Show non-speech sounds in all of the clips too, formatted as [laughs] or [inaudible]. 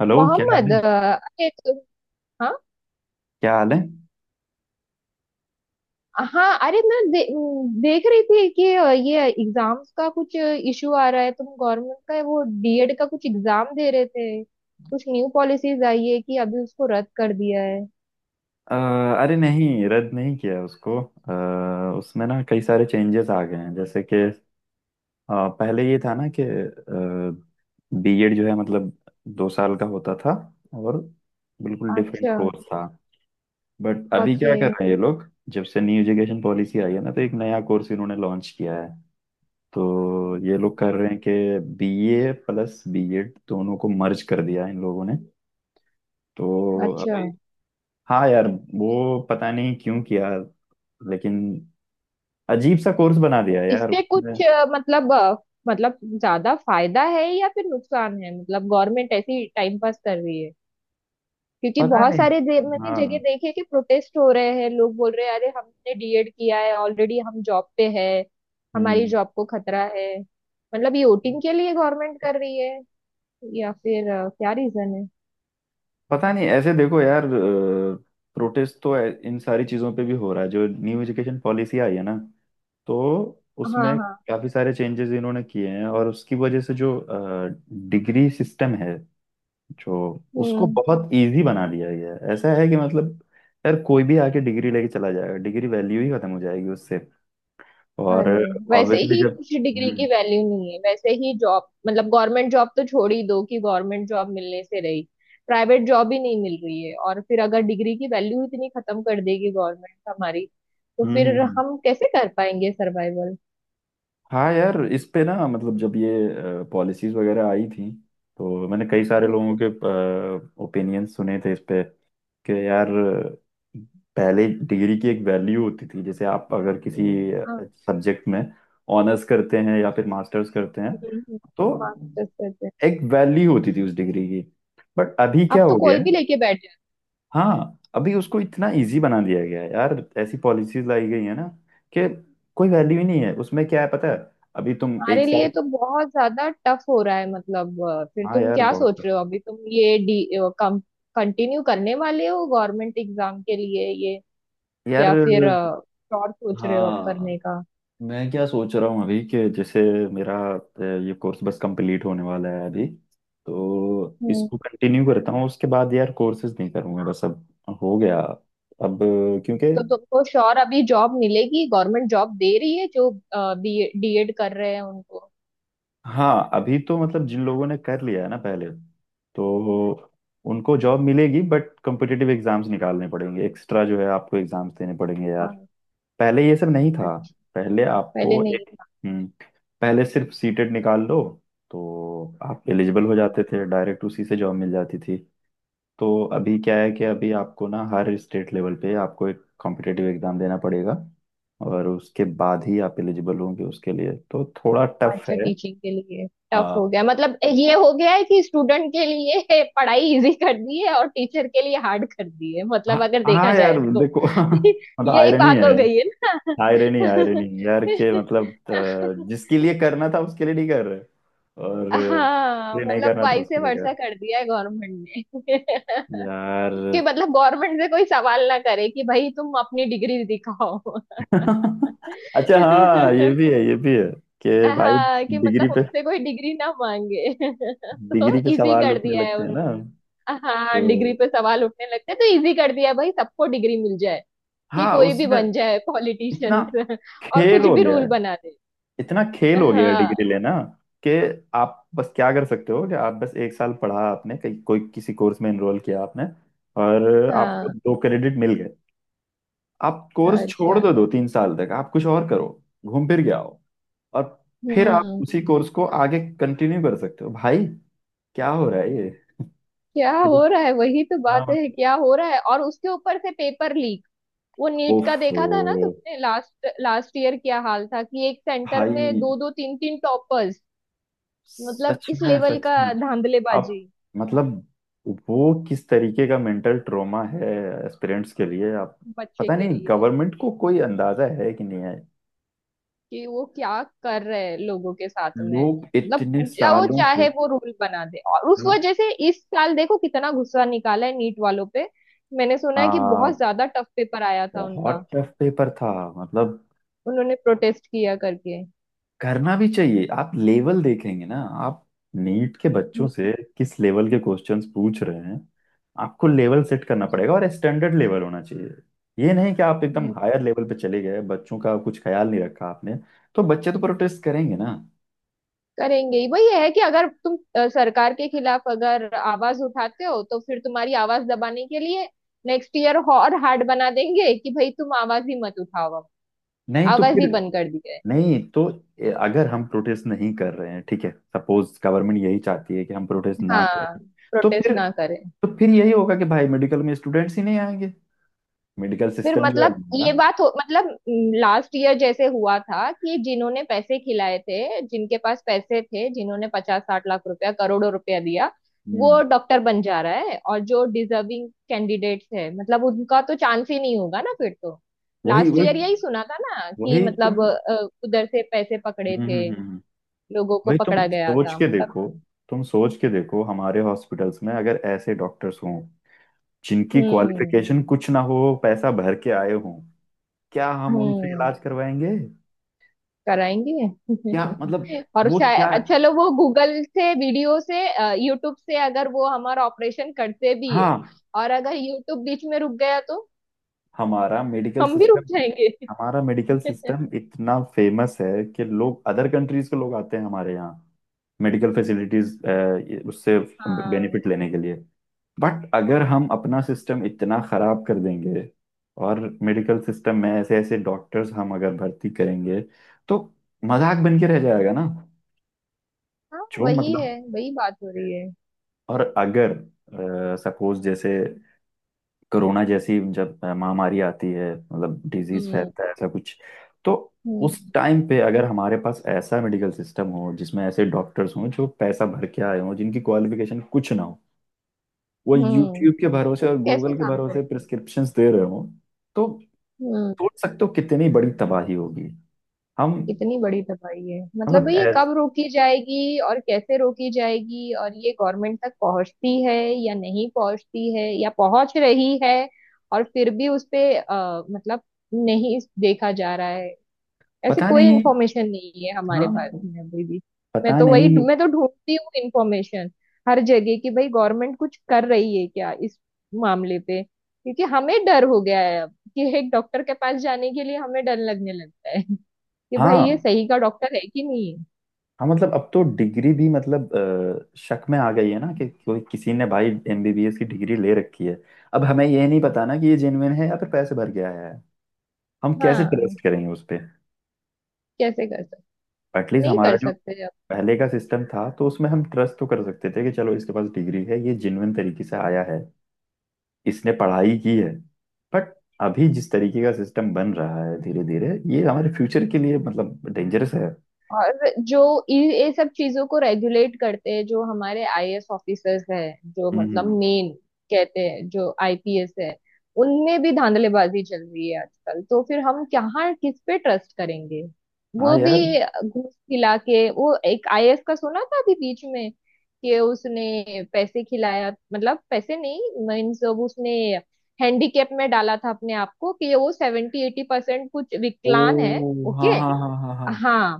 Hello, क्या हाल मोहम्मद। है? अरे तो, हाँ, क्या हाल है? हाँ। अरे, मैं देख रही थी कि ये एग्जाम्स का कुछ इशू आ रहा है। तुम गवर्नमेंट का वो डीएड का कुछ एग्जाम दे रहे थे। कुछ न्यू पॉलिसीज आई है कि अभी उसको रद्द कर दिया है। अ, अरे नहीं, रद्द नहीं किया उसको। उसमें ना कई सारे चेंजेस आ गए हैं, जैसे कि पहले ये था ना कि बीएड जो है मतलब दो साल का होता था, और बिल्कुल डिफरेंट अच्छा। कोर्स था। बट अभी ओके। क्या कर रहे हैं ये लोग, जब से न्यू एजुकेशन पॉलिसी आई है ना, तो एक नया कोर्स इन्होंने लॉन्च किया है। तो ये लोग कर रहे हैं कि बीए प्लस बीएड दोनों को मर्ज कर दिया है इन लोगों ने। तो अच्छा। अभी हाँ यार, वो पता नहीं क्यों किया, लेकिन अजीब सा कोर्स बना तो दिया यार इससे उसने। कुछ मतलब ज्यादा फायदा है या फिर नुकसान है? मतलब गवर्नमेंट ऐसी टाइम पास कर रही है, क्योंकि पता बहुत नहीं। सारे मैंने जगह हाँ। देखे हैं कि प्रोटेस्ट हो रहे हैं। लोग बोल रहे हैं, अरे, हमने डीएड किया है ऑलरेडी, हम जॉब पे है, हमारी हम्म। जॉब को खतरा है। मतलब ये वोटिंग के लिए गवर्नमेंट कर रही है या फिर क्या रीजन है? पता नहीं, ऐसे देखो यार, प्रोटेस्ट तो इन सारी चीजों पे भी हो रहा है जो न्यू एजुकेशन पॉलिसी आई है ना, तो हाँ, उसमें हाँ। काफी सारे चेंजेस इन्होंने किए हैं, और उसकी वजह से जो डिग्री सिस्टम है जो, उसको हम्म। बहुत इजी बना दिया गया है। ऐसा है कि मतलब यार कोई भी आके डिग्री लेके चला जाएगा, डिग्री वैल्यू ही खत्म हो जाएगी उससे। हाँ और जी। वैसे ऑब्वियसली ही जब कुछ डिग्री की हम्म। वैल्यू नहीं है, वैसे ही जॉब, मतलब गवर्नमेंट जॉब तो छोड़ ही दो, कि गवर्नमेंट जॉब मिलने से रही। प्राइवेट जॉब ही नहीं मिल रही है, और फिर अगर डिग्री की वैल्यू इतनी खत्म कर देगी गवर्नमेंट हमारी, तो हम्म हम्म, फिर हम्म। हम कैसे कर पाएंगे सर्वाइवल? हाँ यार, इस पे ना मतलब जब ये पॉलिसीज वगैरह आई थी, तो मैंने कई सारे लोगों के ओपिनियंस सुने थे इस पे कि यार पहले डिग्री की एक वैल्यू होती थी। जैसे आप अगर किसी, हाँ। सब्जेक्ट में ऑनर्स करते हैं या फिर मास्टर्स करते हैं, हम्म। तो मास्टर्स करते हैं। एक वैल्यू होती थी उस डिग्री की। बट अभी क्या अब तो हो गया कोई भी है, लेके बैठ जाए। हाँ अभी उसको इतना इजी बना दिया गया है यार। ऐसी पॉलिसीज लाई गई है ना कि कोई वैल्यू ही नहीं है उसमें। क्या है पता है, अभी तुम हमारे एक लिए साल, तो बहुत ज्यादा टफ हो रहा है, मतलब फिर हाँ तुम यार क्या बहुत, सोच रहे हो? अभी तुम ये डी कंटिन्यू करने वाले हो गवर्नमेंट एग्जाम के लिए यार या फिर श्योर सोच रहे हो अब हाँ, करने का? मैं क्या सोच रहा हूँ अभी कि जैसे मेरा ये कोर्स बस कंप्लीट होने वाला है अभी, तो हम्म। इसको कंटिन्यू करता हूँ। उसके बाद यार कोर्सेज नहीं करूँगा बस अब, हो गया। अब क्योंकि, तो तुमको श्योर अभी जॉब मिलेगी? गवर्नमेंट जॉब दे रही है जो डीएड कर रहे हैं उनको। हाँ अभी तो मतलब जिन लोगों ने कर लिया है ना पहले, तो उनको जॉब मिलेगी। बट कॉम्पिटिटिव एग्जाम्स निकालने पड़ेंगे, एक्स्ट्रा जो है आपको एग्जाम्स देने पड़ेंगे यार। हाँ। पहले ये सब नहीं था, अच्छा। पहले पहले आपको नहीं एक, था। हम्म, पहले सिर्फ सीटेट निकाल लो, तो आप एलिजिबल हो हम्म। जाते थे, डायरेक्ट उसी से जॉब मिल जाती थी। तो अभी क्या है कि अभी आपको ना हर स्टेट लेवल पे आपको एक कॉम्पिटिटिव एग्जाम देना पड़ेगा, और उसके बाद ही आप एलिजिबल होंगे उसके लिए, तो थोड़ा टफ अच्छा। है। टीचिंग के लिए टफ हाँ। हो गया? मतलब ये हो गया है कि स्टूडेंट के लिए [laughs] पढ़ाई इजी कर दी है और टीचर के लिए हार्ड कर दी है, हाँ। मतलब अगर देखा हाँ जाए यार तो। देखो। [laughs] [laughs] मतलब यही आयरनी बात है, हो गई है ना। आयरनी आयरनी यार के, मतलब [laughs] जिसके लिए करना था उसके लिए नहीं कर रहे, और जिसके हाँ, लिए नहीं मतलब करना था वाई से उसके लिए वर्षा कर कर दिया है गवर्नमेंट ने। रहे। यार [laughs] कि मतलब गवर्नमेंट से कोई सवाल ना करे कि भाई तुम अपनी डिग्री दिखाओ। [laughs] [laughs] अच्छा हाँ, ये भी है कि भाई हाँ, कि डिग्री मतलब पे, उनसे कोई डिग्री ना मांगे। [laughs] तो डिग्री पे इजी सवाल कर उठने दिया है लगते हैं ना, उन्होंने। तो हाँ, डिग्री पे सवाल उठने लगते हैं तो इजी कर दिया है, भाई सबको डिग्री मिल जाए, कि हाँ कोई भी उसमें बन जाए इतना पॉलिटिशियंस [laughs] और खेल कुछ हो भी गया रूल है। बना दे। इतना खेल हो गया डिग्री हाँ, लेना कि आप बस क्या कर सकते हो, कि आप बस एक साल पढ़ा, आपने कहीं कोई किसी कोर्स में एनरोल किया आपने, और आपको हाँ। दो क्रेडिट मिल गए। आप कोर्स छोड़ अच्छा। दो, दो तीन साल तक आप कुछ और करो, घूम फिर के आओ, और फिर आप हम्म। उसी कोर्स को आगे कंटिन्यू कर सकते हो भाई। क्या हो रहा है ये? [laughs] क्या फिर- हो रहा है, वही तो बात हाँ। है, क्या हो रहा है? और उसके ऊपर से पेपर लीक। वो नीट का ओफो देखा था ना तुमने लास्ट लास्ट ईयर क्या हाल था, कि एक सेंटर में भाई, दो दो, तीन तीन टॉपर्स। मतलब सच इस में लेवल सच का में। अब धांधलेबाजी। मतलब वो किस तरीके का मेंटल ट्रॉमा है एस्पिरेंट्स के लिए आप, बच्चे पता के नहीं लिए गवर्नमेंट को कोई अंदाजा है कि नहीं है। कि वो क्या कर रहे हैं लोगों के साथ में। लोग मतलब इतने जो वो सालों से, चाहे वो रूल बना दे, और उस हाँ। वजह से इस साल देखो कितना गुस्सा निकाला है नीट वालों पे। मैंने सुना है कि हाँ, बहुत ज्यादा टफ पेपर आया था उनका। बहुत टफ पेपर था। मतलब उन्होंने प्रोटेस्ट किया करके। करना भी चाहिए, आप लेवल देखेंगे ना, आप नीट के बच्चों हम्म। से किस लेवल के क्वेश्चंस पूछ रहे हैं। आपको लेवल सेट करना पड़ेगा और स्टैंडर्ड लेवल होना चाहिए। ये नहीं कि आप एकदम अच्छा। हायर लेवल पे चले गए, बच्चों का कुछ ख्याल नहीं रखा आपने। तो बच्चे तो प्रोटेस्ट करेंगे ना। करेंगे ही। वही है कि अगर तुम सरकार के खिलाफ अगर आवाज उठाते हो, तो फिर तुम्हारी आवाज दबाने के लिए नेक्स्ट ईयर और हार्ड बना देंगे, कि भाई तुम आवाज ही मत उठाओ अब। नहीं तो आवाज ही फिर, बंद कर दी जाए। नहीं तो, अगर हम प्रोटेस्ट नहीं कर रहे हैं, ठीक है, सपोज गवर्नमेंट यही चाहती है कि हम प्रोटेस्ट ना हाँ। करें, तो प्रोटेस्ट फिर, ना करें। तो फिर यही होगा कि भाई मेडिकल में स्टूडेंट्स ही नहीं आएंगे। मेडिकल फिर सिस्टम जो है मतलब ये हमारा, बात हो, मतलब लास्ट ईयर जैसे हुआ था कि जिन्होंने पैसे खिलाए थे, जिनके पास पैसे थे, जिन्होंने 50-60 लाख रुपया, करोड़ों रुपया दिया, वो हम्म, डॉक्टर बन जा रहा है, और जो डिजर्विंग कैंडिडेट्स है, मतलब उनका तो चांस ही नहीं होगा ना फिर तो। वही लास्ट वही। ईयर यही सुना था ना, कि वही तुम, मतलब उधर से पैसे पकड़े हम्म हम्म थे, हम्म, हम्म। लोगों को वही तुम पकड़ा गया सोच था, के मतलब। देखो, तुम सोच के देखो, हमारे हॉस्पिटल्स में अगर ऐसे डॉक्टर्स हों जिनकी हम्म, क्वालिफिकेशन कुछ ना हो, पैसा भर के आए हों, क्या हम उनसे हम्म। इलाज करवाएंगे? कराएंगे। क्या मतलब [laughs] और वो क्या, शायद, चलो, वो गूगल से, वीडियो से, यूट्यूब से अगर वो हमारा ऑपरेशन करते भी है, हाँ और अगर यूट्यूब बीच में रुक गया, तो हमारा मेडिकल हम भी रुक सिस्टम, जाएंगे। हमारा मेडिकल सिस्टम [laughs] इतना फेमस है कि लोग, अदर कंट्रीज के लोग आते हैं हमारे यहाँ मेडिकल फैसिलिटीज, उससे हाँ, बेनिफिट लेने के लिए। बट अगर हम अपना सिस्टम इतना खराब कर देंगे, और मेडिकल सिस्टम में ऐसे ऐसे डॉक्टर्स हम अगर भर्ती करेंगे, तो मजाक बन के रह जाएगा ना। हाँ। जो वही है, मतलब, वही बात हो रही है। और अगर सपोज जैसे कोरोना जैसी जब महामारी आती है, मतलब डिजीज हम्म, फैलता है ऐसा कुछ, तो उस हम्म, टाइम पे अगर हमारे पास ऐसा मेडिकल सिस्टम हो जिसमें ऐसे डॉक्टर्स हों जो पैसा भर के आए हों, जिनकी क्वालिफिकेशन कुछ ना हो, वो हम्म। यूट्यूब के भरोसे तो और कैसे गूगल के काम करें? भरोसे प्रिस्क्रिप्शंस दे रहे हों, तो हम्म। सोच सकते हो कितनी बड़ी तबाही होगी। हम कितनी बड़ी तबाही है, मतलब मतलब भाई ये ऐ- कब रोकी जाएगी और कैसे रोकी जाएगी? और ये गवर्नमेंट तक पहुंचती है या नहीं पहुंचती है, या पहुंच रही है? और फिर भी उस पे मतलब नहीं देखा जा रहा है। ऐसी पता कोई नहीं। इंफॉर्मेशन नहीं है हमारे हाँ पास में अभी भी। मैं पता तो वही नहीं। मैं तो ढूंढती हूँ इंफॉर्मेशन हर जगह कि भाई गवर्नमेंट कुछ कर रही है क्या इस मामले पे, क्योंकि हमें डर हो गया है अब, कि एक डॉक्टर के पास जाने के लिए हमें डर लगने लगता है, कि भाई ये हाँ सही का डॉक्टर है कि नहीं है। हाँ, मतलब अब तो डिग्री भी मतलब शक में आ गई है ना कि कोई, किसी ने भाई एमबीबीएस की डिग्री ले रखी है, अब हमें ये नहीं पता ना कि ये जेन्युइन है या फिर पैसे भर के आया है। हम कैसे हाँ, ट्रस्ट करेंगे उस पे। कैसे कर सकते? एटलीस्ट नहीं हमारा कर जो सकते। पहले का सिस्टम था, तो उसमें हम ट्रस्ट तो कर सकते थे कि चलो इसके पास डिग्री है, ये जेन्युइन तरीके से आया है, इसने पढ़ाई की है। बट अभी जिस तरीके का सिस्टम बन रहा है धीरे धीरे, ये हमारे फ्यूचर के लिए मतलब डेंजरस है। और जो ये सब चीजों को रेगुलेट करते हैं, जो हमारे आईएएस ऑफिसर्स हैं, जो मतलब हम्म। मेन कहते हैं, जो आईपीएस है, उनमें भी धांधलेबाजी चल रही है आजकल, तो फिर हम कहाँ, किस पे ट्रस्ट करेंगे? हाँ वो भी यार। घूस खिला के। वो एक आईएएस का सुना था अभी बीच में, कि उसने पैसे खिलाया, मतलब पैसे नहीं, मीन्स उसने हैंडीकेप में डाला था अपने आप को, कि वो 70-80% कुछ ओ विकलांग है। हाँ ओके। हाँ हाँ हाँ हाँ। हाँ,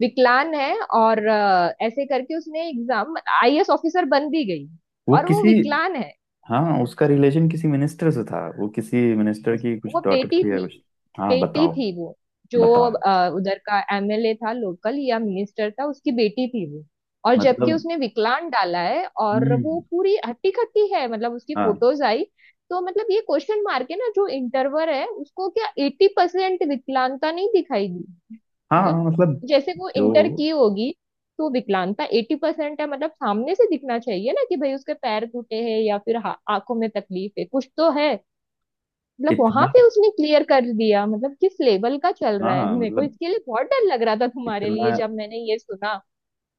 विकलांग है, और ऐसे करके उसने एग्जाम आईएएस ऑफिसर बन भी गई, वो और वो किसी, विकलांग है। हाँ उसका रिलेशन किसी मिनिस्टर से था, वो किसी मिनिस्टर उस की कुछ वो डॉटर बेटी थी या थी कुछ। हाँ बेटी बताओ। थी वो, जो बताओ। उधर का एमएलए था लोकल, या मिनिस्टर था, उसकी बेटी थी वो। और जबकि मतलब, उसने विकलांग डाला है, और वो हम्म, पूरी हट्टी कट्टी है, मतलब उसकी हाँ। फोटोज आई। तो मतलब ये क्वेश्चन मार्क है ना, जो इंटरवर है उसको क्या 80% विकलांगता नहीं दिखाई दी? हाँ मतलब मतलब जैसे वो इंटर जो, की होगी, तो विकलांगता 80% है, मतलब सामने से दिखना चाहिए ना, कि भाई उसके पैर टूटे हैं, या फिर आंखों में तकलीफ है, कुछ तो है। मतलब वहां इतना, पे उसने क्लियर कर दिया, मतलब किस लेवल का चल रहा है। हाँ मेरे को मतलब, इसके लिए बहुत डर लग रहा था तुम्हारे इतना, लिए, जब मैंने ये सुना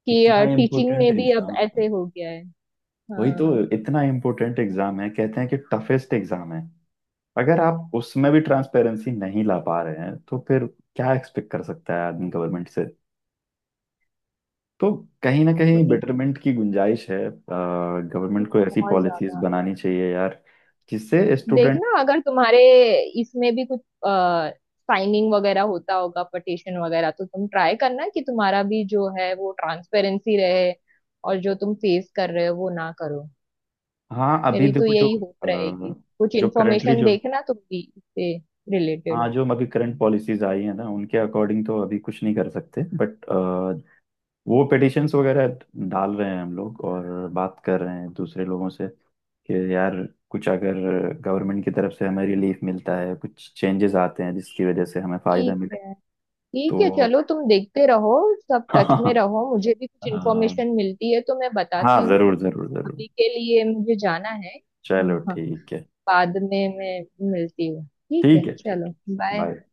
कि इतना टीचिंग इम्पोर्टेंट में भी अब एग्जाम, ऐसे हो गया है। वही तो, हाँ, इतना इम्पोर्टेंट एग्जाम है, कहते हैं कि टफेस्ट एग्जाम है। अगर आप उसमें भी ट्रांसपेरेंसी नहीं ला पा रहे हैं, तो फिर क्या एक्सपेक्ट कर सकता है आदमी गवर्नमेंट से। तो कहीं ना कहीं वही। बेटरमेंट की गुंजाइश है। गवर्नमेंट को ऐसी बहुत पॉलिसीज ज्यादा। बनानी चाहिए यार जिससे स्टूडेंट, देखना, अगर तुम्हारे इसमें भी कुछ साइनिंग वगैरह होता होगा, पटिशन वगैरह, तो तुम ट्राई करना कि तुम्हारा भी जो है वो ट्रांसपेरेंसी रहे, और जो तुम फेस कर रहे हो वो ना करो। हाँ अभी मेरी तो देखो जो यही होप रहेगी। अ, कुछ जो करंटली इन्फॉर्मेशन जो, देखना तुम भी इससे रिलेटेड। हाँ जो अभी करंट पॉलिसीज आई है ना, उनके अकॉर्डिंग तो अभी कुछ नहीं कर सकते। बट वो पिटिशंस वगैरह डाल रहे हैं हम लोग, और बात कर रहे हैं दूसरे लोगों से कि यार कुछ अगर गवर्नमेंट की तरफ से हमें रिलीफ मिलता है, कुछ चेंजेस आते हैं जिसकी वजह से हमें फायदा ठीक मिले, है, ठीक है। तो चलो तुम देखते रहो। सब [laughs] टच में हाँ। रहो, मुझे भी कुछ इन्फॉर्मेशन मिलती है तो मैं हाँ बताती हूँ। जरूर जरूर जरूर। अभी के लिए मुझे जाना है। चलो हाँ, ठीक है। बाद में मैं मिलती हूँ। ठीक ठीक है, है ठीक चलो। है, बाय। बाय।